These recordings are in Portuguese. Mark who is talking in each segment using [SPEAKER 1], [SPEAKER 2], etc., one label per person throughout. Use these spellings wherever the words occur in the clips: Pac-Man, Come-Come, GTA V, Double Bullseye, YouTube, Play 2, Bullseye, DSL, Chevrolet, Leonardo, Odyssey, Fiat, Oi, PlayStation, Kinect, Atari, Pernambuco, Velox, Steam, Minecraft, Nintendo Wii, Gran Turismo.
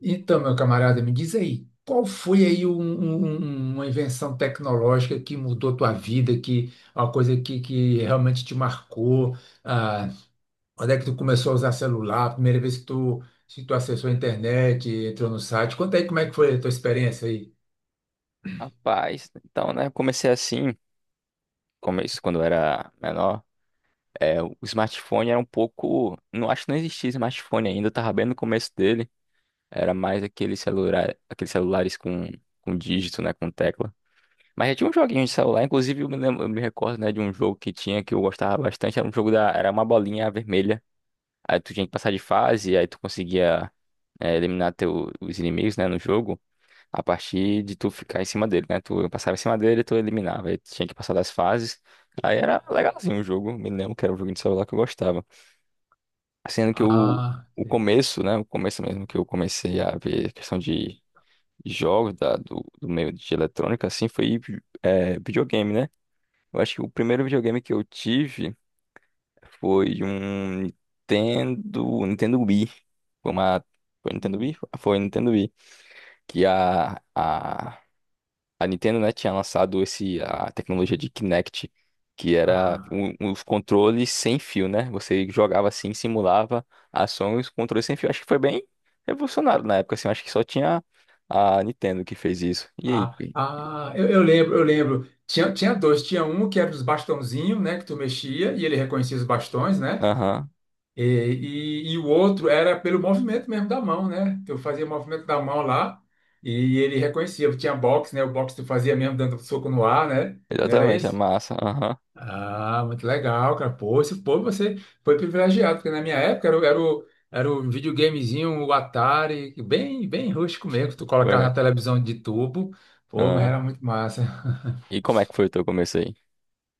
[SPEAKER 1] Então, meu camarada, me diz aí, qual foi aí uma invenção tecnológica que mudou tua vida, que uma coisa que realmente te marcou? Ah, quando é que tu começou a usar celular? A primeira vez que tu acessou a internet, entrou no site? Conta aí como é que foi a tua experiência aí.
[SPEAKER 2] Rapaz, então, né? Eu comecei assim, começo quando eu era menor. É, o smartphone era um pouco. Não acho que não existia smartphone ainda, eu tava bem no começo dele. Era mais aquele celular, aqueles celulares com dígito, né? Com tecla. Mas já tinha um joguinho de celular, inclusive eu me recordo, né, de um jogo que tinha que eu gostava bastante. Era um jogo da. Era uma bolinha vermelha. Aí tu tinha que passar de fase, aí tu conseguia eliminar os inimigos, né, no jogo. A partir de tu ficar em cima dele, né? Tu passava em cima dele, tu eliminava. Aí tinha que passar das fases. Aí era legalzinho o jogo. Me lembro que era um jogo de celular que eu gostava. Sendo que o,
[SPEAKER 1] Ah,
[SPEAKER 2] o
[SPEAKER 1] sim.
[SPEAKER 2] começo, né? O começo mesmo que eu comecei a ver questão de jogos do meio de eletrônica, assim, foi videogame, né? Eu acho que o primeiro videogame que eu tive foi um Nintendo, Nintendo Wii. Foi uma. Foi Nintendo Wii? Foi Nintendo Wii. Que a A Nintendo, né, tinha lançado a tecnologia de Kinect, que era
[SPEAKER 1] ah,
[SPEAKER 2] os controles sem fio, né? Você jogava assim, simulava ações, controles sem fio. Acho que foi bem revolucionário na época, assim. Acho que só tinha a Nintendo que fez isso. E aí, Gui?
[SPEAKER 1] eu lembro, eu lembro. Tinha dois, tinha um que era dos bastãozinhos, né, que tu mexia e ele reconhecia os bastões, né?
[SPEAKER 2] Aham,
[SPEAKER 1] E, e o outro era pelo movimento mesmo da mão, né? Eu fazia movimento da mão lá e ele reconhecia. Eu tinha boxe, né? O boxe tu fazia mesmo dando soco no ar, né? Não era
[SPEAKER 2] exatamente, é
[SPEAKER 1] esse?
[SPEAKER 2] massa. Aham,
[SPEAKER 1] Ah, muito legal, cara. Pô, pô, você foi privilegiado, porque na minha época era, era o videogamezinho, o Atari, bem rústico mesmo, que tu colocava
[SPEAKER 2] foi.
[SPEAKER 1] na televisão de tubo. Pô, mas
[SPEAKER 2] Ah,
[SPEAKER 1] era muito massa.
[SPEAKER 2] e como é que foi o teu começo aí?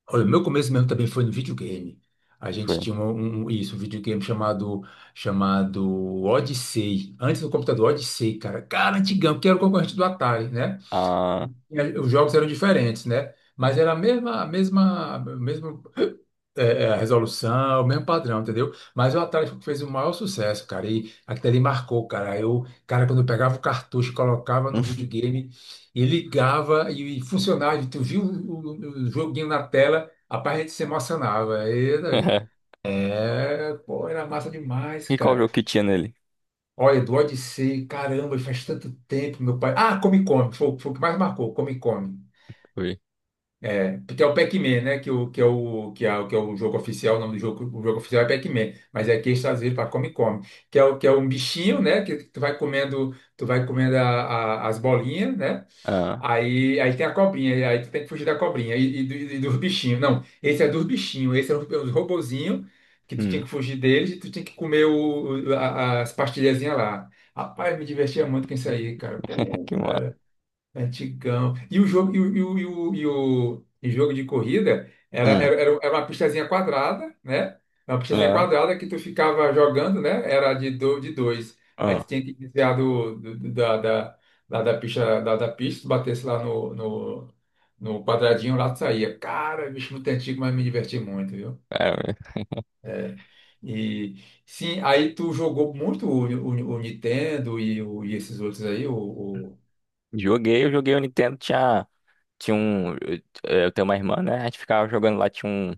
[SPEAKER 1] Olha, o meu começo mesmo também foi no videogame. A gente
[SPEAKER 2] Foi.
[SPEAKER 1] tinha um, um- um, isso, um videogame chamado Odyssey. Antes do computador, Odyssey, cara. Cara, antigão, que era o concorrente do Atari, né?
[SPEAKER 2] Ah,
[SPEAKER 1] Os jogos eram diferentes, né? Mas era a mesma resolução, o mesmo padrão, entendeu? Mas o Atari fez o maior sucesso, cara. E aquilo ali marcou, cara. Eu, cara, quando eu pegava o cartucho, colocava no videogame e ligava e funcionava. E tu viu o joguinho na tela, rapaz, a gente se emocionava. E daí? É, pô, era massa demais,
[SPEAKER 2] e qual jogo
[SPEAKER 1] cara.
[SPEAKER 2] que tinha nele?
[SPEAKER 1] Olha, do Odyssey, caramba, faz tanto tempo, meu pai. Ah, Come Come, foi o que mais marcou, Come Come.
[SPEAKER 2] Foi.
[SPEAKER 1] É, porque é o Pac-Man, né? Que, o, que, é o, que, é, o- que é o jogo oficial, o nome do jogo, o jogo oficial é Pac-Man, mas é aqui eles traduziram para Come-Come, que é um bichinho, né? Que tu vai comendo as bolinhas, né?
[SPEAKER 2] Ah,
[SPEAKER 1] Aí tem a cobrinha, e aí tu tem que fugir da cobrinha e dos bichinhos. Não, esse é dos bichinhos, esse é os robozinhos que tu tinha
[SPEAKER 2] hum.
[SPEAKER 1] que fugir deles e tu tinha que comer as pastilhazinhas lá. Rapaz, me divertia muito com isso aí, cara. Pô,
[SPEAKER 2] Que massa.
[SPEAKER 1] antigão. E o jogo, e o, e o, e o, e o- e jogo de corrida era, era,
[SPEAKER 2] Hum.
[SPEAKER 1] era era uma pistazinha quadrada, né? Uma pistazinha
[SPEAKER 2] Ah,
[SPEAKER 1] quadrada que tu ficava jogando, né? Era de dois. Aí tu
[SPEAKER 2] ah.
[SPEAKER 1] tinha que desviar do, do- do- da, da, da, da pista, tu batesse lá no quadradinho, lá tu saía. Cara, bicho muito antigo, mas me diverti muito, viu?
[SPEAKER 2] é,
[SPEAKER 1] É. E sim, aí tu jogou muito o Nintendo e, e esses outros aí,
[SPEAKER 2] Joguei, eu joguei o Nintendo, tinha um. Eu tenho uma irmã, né? A gente ficava jogando lá, tinha um,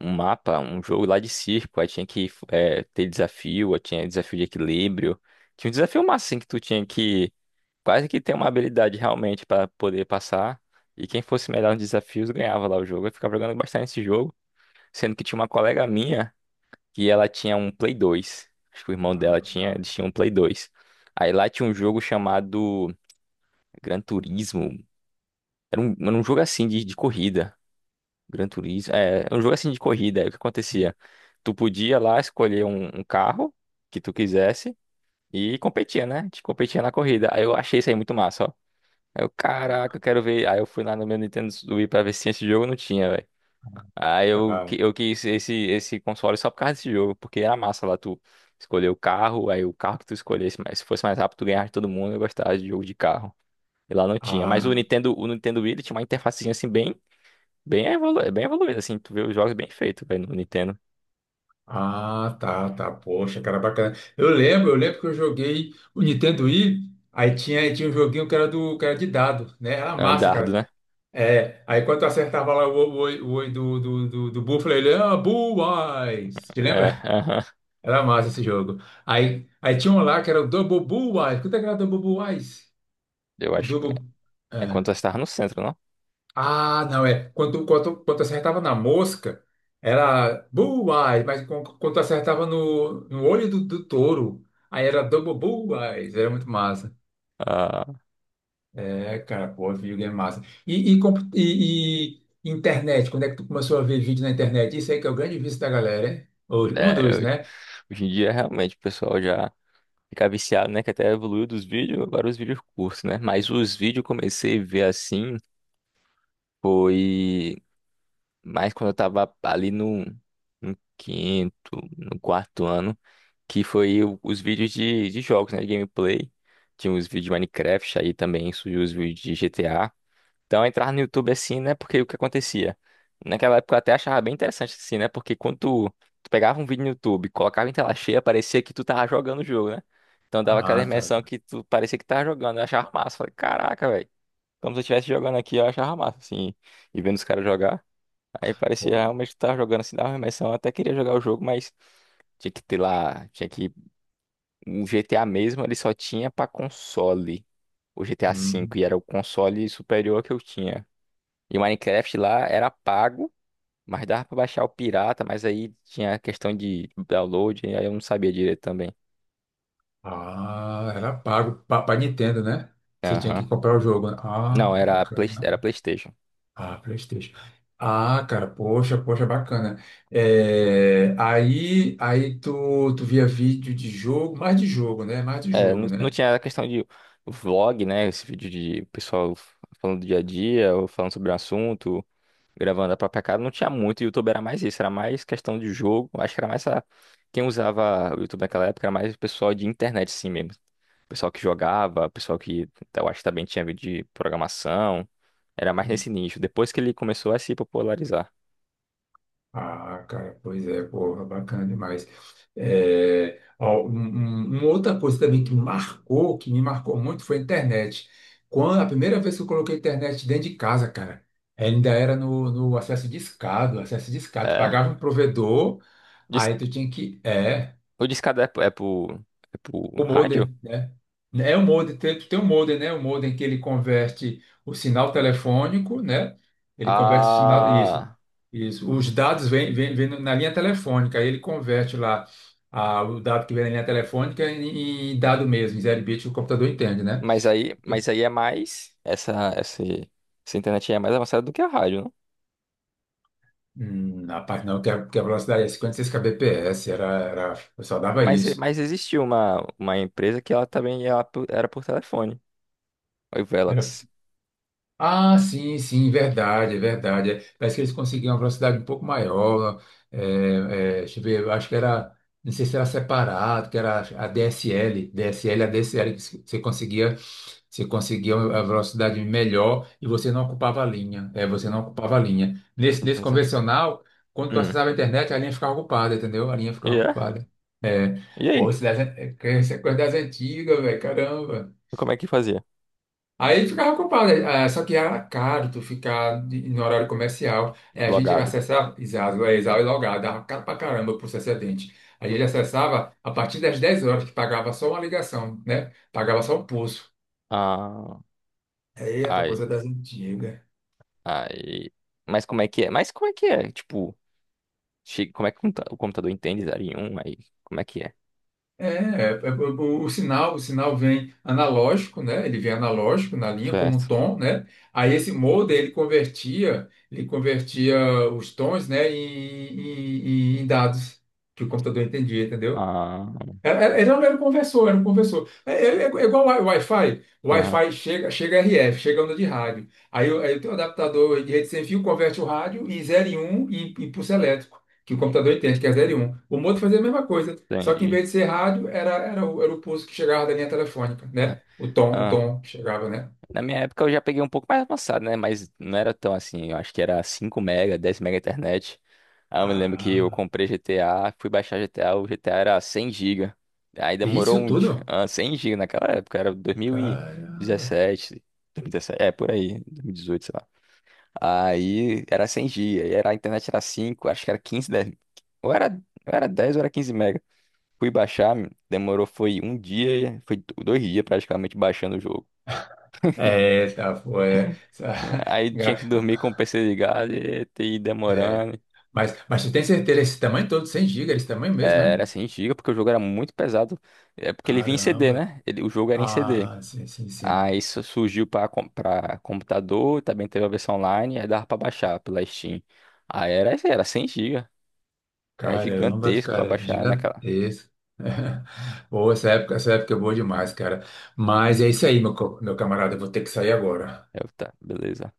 [SPEAKER 2] um mapa, um jogo lá de circo, aí tinha que ter desafio, aí tinha desafio de equilíbrio. Tinha um desafio massa, assim, que tu tinha que quase que ter uma habilidade realmente pra poder passar. E quem fosse melhor nos desafios ganhava lá o jogo. Eu ficava jogando bastante esse jogo, sendo que tinha uma colega minha que ela tinha um Play 2. Acho que o irmão dela
[SPEAKER 1] a-
[SPEAKER 2] tinha,
[SPEAKER 1] a-
[SPEAKER 2] eles tinham um Play 2. Aí lá tinha um jogo chamado Gran Turismo, era um jogo assim de corrida. Gran Turismo. É, era um jogo assim de corrida. Aí o que acontecia? Tu podia lá escolher um carro que tu quisesse e competia, né? Te competia na corrida. Aí eu achei isso aí muito massa, ó. Aí eu, caraca, eu quero ver. Aí eu fui lá no meu Nintendo Wii pra ver se tinha esse jogo, não tinha, velho. Aí eu,
[SPEAKER 1] tá.
[SPEAKER 2] eu quis esse console só por causa desse jogo, porque era massa lá tu escolher o carro, aí o carro que tu escolhesse, mas se fosse mais rápido, tu ganhava de todo mundo, eu gostava de jogo de carro. E lá não tinha. Mas
[SPEAKER 1] Ah,
[SPEAKER 2] O Nintendo Wii, ele tinha uma interfacezinha assim bem evoluído, assim, tu vê os jogos bem feitos, velho, no Nintendo.
[SPEAKER 1] tá, tá. Poxa, cara, bacana. Eu lembro que eu joguei o Nintendo Wii, aí tinha um joguinho que era do, que era de dado, né? Era massa,
[SPEAKER 2] Andardo,
[SPEAKER 1] cara.
[SPEAKER 2] né?
[SPEAKER 1] É, aí quando tu acertava lá o olho do Buffalo, ele, ah, bullseye! Te
[SPEAKER 2] É,
[SPEAKER 1] lembra?
[SPEAKER 2] aham.
[SPEAKER 1] Era massa esse jogo. Aí tinha um lá que era o Double Bullseye. Quanto é que era o Double Bullseye?
[SPEAKER 2] Eu
[SPEAKER 1] O
[SPEAKER 2] acho que
[SPEAKER 1] Double.
[SPEAKER 2] é quando
[SPEAKER 1] É.
[SPEAKER 2] nós estávamos no centro, não?
[SPEAKER 1] Ah, não, é. Quando acertava na mosca, era bullseye, quando acertava no olho do touro, aí era Double Bullseye, era muito massa.
[SPEAKER 2] Ah,
[SPEAKER 1] É, cara, pô, videogame massa. E, e, compu- e, e internet, quando é que tu começou a ver vídeo na internet? Isso aí que é o grande vício da galera, hein? Um
[SPEAKER 2] é,
[SPEAKER 1] dos, né?
[SPEAKER 2] hoje em dia, realmente, o pessoal já fica viciado, né? Que até evoluiu dos vídeos, agora os vídeos curtos, né? Mas os vídeos eu comecei a ver, assim, foi mais quando eu tava ali no quinto, no quarto ano, que foi os vídeos de jogos, né? De gameplay. Tinha os vídeos de Minecraft, aí também surgiu os vídeos de GTA. Então, eu entrava no YouTube assim, né? Porque o que acontecia? Naquela época eu até achava bem interessante assim, né? Porque quando tu pegava um vídeo no YouTube, colocava em tela cheia, parecia que tu tava jogando o jogo, né? Então dava aquela
[SPEAKER 1] Ah, tá.
[SPEAKER 2] imersão que tu parecia que tava jogando. Eu achava massa. Falei, caraca, velho. Como se eu estivesse jogando aqui, eu achava massa, assim. E vendo os caras jogar. Aí parecia
[SPEAKER 1] Pô,
[SPEAKER 2] realmente que tu tava jogando assim, dava uma imersão. Eu até queria jogar o jogo, mas tinha que ter lá. Tinha que. O GTA mesmo, ele só tinha pra console. O GTA V.
[SPEAKER 1] hum.
[SPEAKER 2] E era o console superior que eu tinha. E o Minecraft lá era pago, mas dava pra baixar o pirata, mas aí tinha a questão de download, e aí eu não sabia direito também.
[SPEAKER 1] Ah, era pago para Nintendo, né? Você tinha que
[SPEAKER 2] Aham.
[SPEAKER 1] comprar o jogo, né?
[SPEAKER 2] Não,
[SPEAKER 1] Ah,
[SPEAKER 2] era Play,
[SPEAKER 1] bacana.
[SPEAKER 2] era PlayStation.
[SPEAKER 1] Ah, PlayStation. Ah, cara, poxa, poxa, bacana. É, aí tu via vídeo de jogo, mais de jogo, né? Mais de
[SPEAKER 2] É, não,
[SPEAKER 1] jogo,
[SPEAKER 2] não
[SPEAKER 1] né?
[SPEAKER 2] tinha a questão de vlog, né? Esse vídeo de pessoal falando do dia a dia, ou falando sobre um assunto, gravando a própria casa. Não tinha muito, o YouTube era mais isso, era mais questão de jogo. Acho que era mais a... Quem usava o YouTube naquela época era mais o pessoal de internet, sim mesmo. Pessoal que jogava, pessoal que eu acho que também tinha vídeo de programação. Era mais nesse nicho. Depois que ele começou a se popularizar.
[SPEAKER 1] Ah, cara, pois é, porra, bacana demais. É, ó, uma outra coisa também que marcou, que me marcou muito, foi a internet. Quando a primeira vez que eu coloquei a internet dentro de casa, cara, ainda era no acesso discado, acesso discado. Tu
[SPEAKER 2] É?
[SPEAKER 1] pagava um provedor,
[SPEAKER 2] Dis-
[SPEAKER 1] aí tu tinha que. É.
[SPEAKER 2] O discado é pro
[SPEAKER 1] O
[SPEAKER 2] rádio?
[SPEAKER 1] modem, né? É o modem, tem o modem, né? O modem que ele converte o sinal telefônico, né? Ele converte o sinal,
[SPEAKER 2] Ah,
[SPEAKER 1] isso. Os dados vêm na linha telefônica, aí ele converte lá o dado que vem na linha telefônica em dado mesmo, em 0 bit, o computador entende, né?
[SPEAKER 2] mas aí é mais. Essa internet aí é mais avançada do que a rádio, não?
[SPEAKER 1] Rapaz, não, que a velocidade é 56 kbps, eu só dava
[SPEAKER 2] Mas,
[SPEAKER 1] isso.
[SPEAKER 2] mas existiu uma empresa que ela também ela era por telefone. Oi, Velox.
[SPEAKER 1] Ah, verdade. É, parece que eles conseguiam uma velocidade um pouco maior. É, deixa eu ver, eu acho que era, não sei se era separado, que era a DSL, a DSL, que você conseguia, você conseguia a velocidade melhor e você não ocupava a linha. É, você não ocupava a linha. Nesse
[SPEAKER 2] Entendeu?
[SPEAKER 1] convencional, quando tu
[SPEAKER 2] Hum.
[SPEAKER 1] acessava a internet, a linha ficava ocupada, entendeu? A linha ficava
[SPEAKER 2] E é?
[SPEAKER 1] ocupada. É,
[SPEAKER 2] E
[SPEAKER 1] pô,
[SPEAKER 2] aí?
[SPEAKER 1] isso é coisa das antigas, velho, caramba.
[SPEAKER 2] Como é que fazia?
[SPEAKER 1] Aí ele ficava culpado, né? Ah, só que era caro tu ficar no horário comercial. É, a gente
[SPEAKER 2] Logado.
[SPEAKER 1] acessava, exato, é, exato, e logado, dava caro pra caramba o processo atendente. A gente acessava a partir das 10 horas, que pagava só uma ligação, né? Pagava só o pulso.
[SPEAKER 2] Ah.
[SPEAKER 1] É, é pra
[SPEAKER 2] Ai.
[SPEAKER 1] coisa das antigas.
[SPEAKER 2] Aí. Mas como é que é? Tipo, como é que o o computador entende zero em um. Aí, como é que é?
[SPEAKER 1] É, é, é, o, o sinal vem analógico, né? Ele vem analógico na linha como um
[SPEAKER 2] Certo.
[SPEAKER 1] tom, né? Aí esse modem ele convertia os tons, né, em, em dados que o computador entendia, entendeu?
[SPEAKER 2] Ah,
[SPEAKER 1] Era- era- Ele não era um conversor, era um conversor. É igual o Wi-Fi. O
[SPEAKER 2] aham,
[SPEAKER 1] Wi-Fi chega, chega RF, chega onda de rádio. Aí eu tenho um adaptador de rede sem fio, converte o rádio em zero e um e pulso elétrico, que o computador entende que é zero e um. O Moto fazia a mesma coisa, só que em
[SPEAKER 2] entendi.
[SPEAKER 1] vez de ser rádio, era o pulso que chegava da linha telefônica,
[SPEAKER 2] Ah,
[SPEAKER 1] né? O
[SPEAKER 2] aham.
[SPEAKER 1] tom que chegava, né?
[SPEAKER 2] Na minha época eu já peguei um pouco mais avançado, né? Mas não era tão assim. Eu acho que era 5 mega, 10 mega internet. Aí eu me lembro que eu
[SPEAKER 1] Ah,
[SPEAKER 2] comprei GTA, fui baixar GTA, o GTA era 100 gigas. Aí demorou
[SPEAKER 1] isso
[SPEAKER 2] um dia.
[SPEAKER 1] tudo?
[SPEAKER 2] 100 giga naquela época, era
[SPEAKER 1] Caramba.
[SPEAKER 2] 2017, é, por aí, 2018 sei lá. Aí era 100 GB, era a internet era 5, acho que era 15 10, ou era 10 ou era 15 mega. Fui baixar, demorou foi um dia, foi 2 dias praticamente baixando o jogo.
[SPEAKER 1] É, tá, foi. É,
[SPEAKER 2] É,
[SPEAKER 1] essa-
[SPEAKER 2] aí tinha que dormir com o PC ligado e ter ido
[SPEAKER 1] É.
[SPEAKER 2] demorando.
[SPEAKER 1] Mas tu tem certeza, esse tamanho todo, 100 gigas, esse tamanho mesmo,
[SPEAKER 2] É,
[SPEAKER 1] é?
[SPEAKER 2] era 100 GB porque o jogo era muito pesado. É porque ele vinha em CD,
[SPEAKER 1] Caramba.
[SPEAKER 2] né? O jogo era em CD.
[SPEAKER 1] Ah, sim.
[SPEAKER 2] Aí isso surgiu para computador, também teve a versão online, aí dava para baixar pela Steam. Aí era 100 GB. É
[SPEAKER 1] Caramba,
[SPEAKER 2] gigantesco para
[SPEAKER 1] cara,
[SPEAKER 2] baixar, né?
[SPEAKER 1] gigantesco. Boa, essa época é boa demais, cara. Mas é isso aí, meu, meu camarada, eu vou ter que sair agora.
[SPEAKER 2] É o que tá, beleza.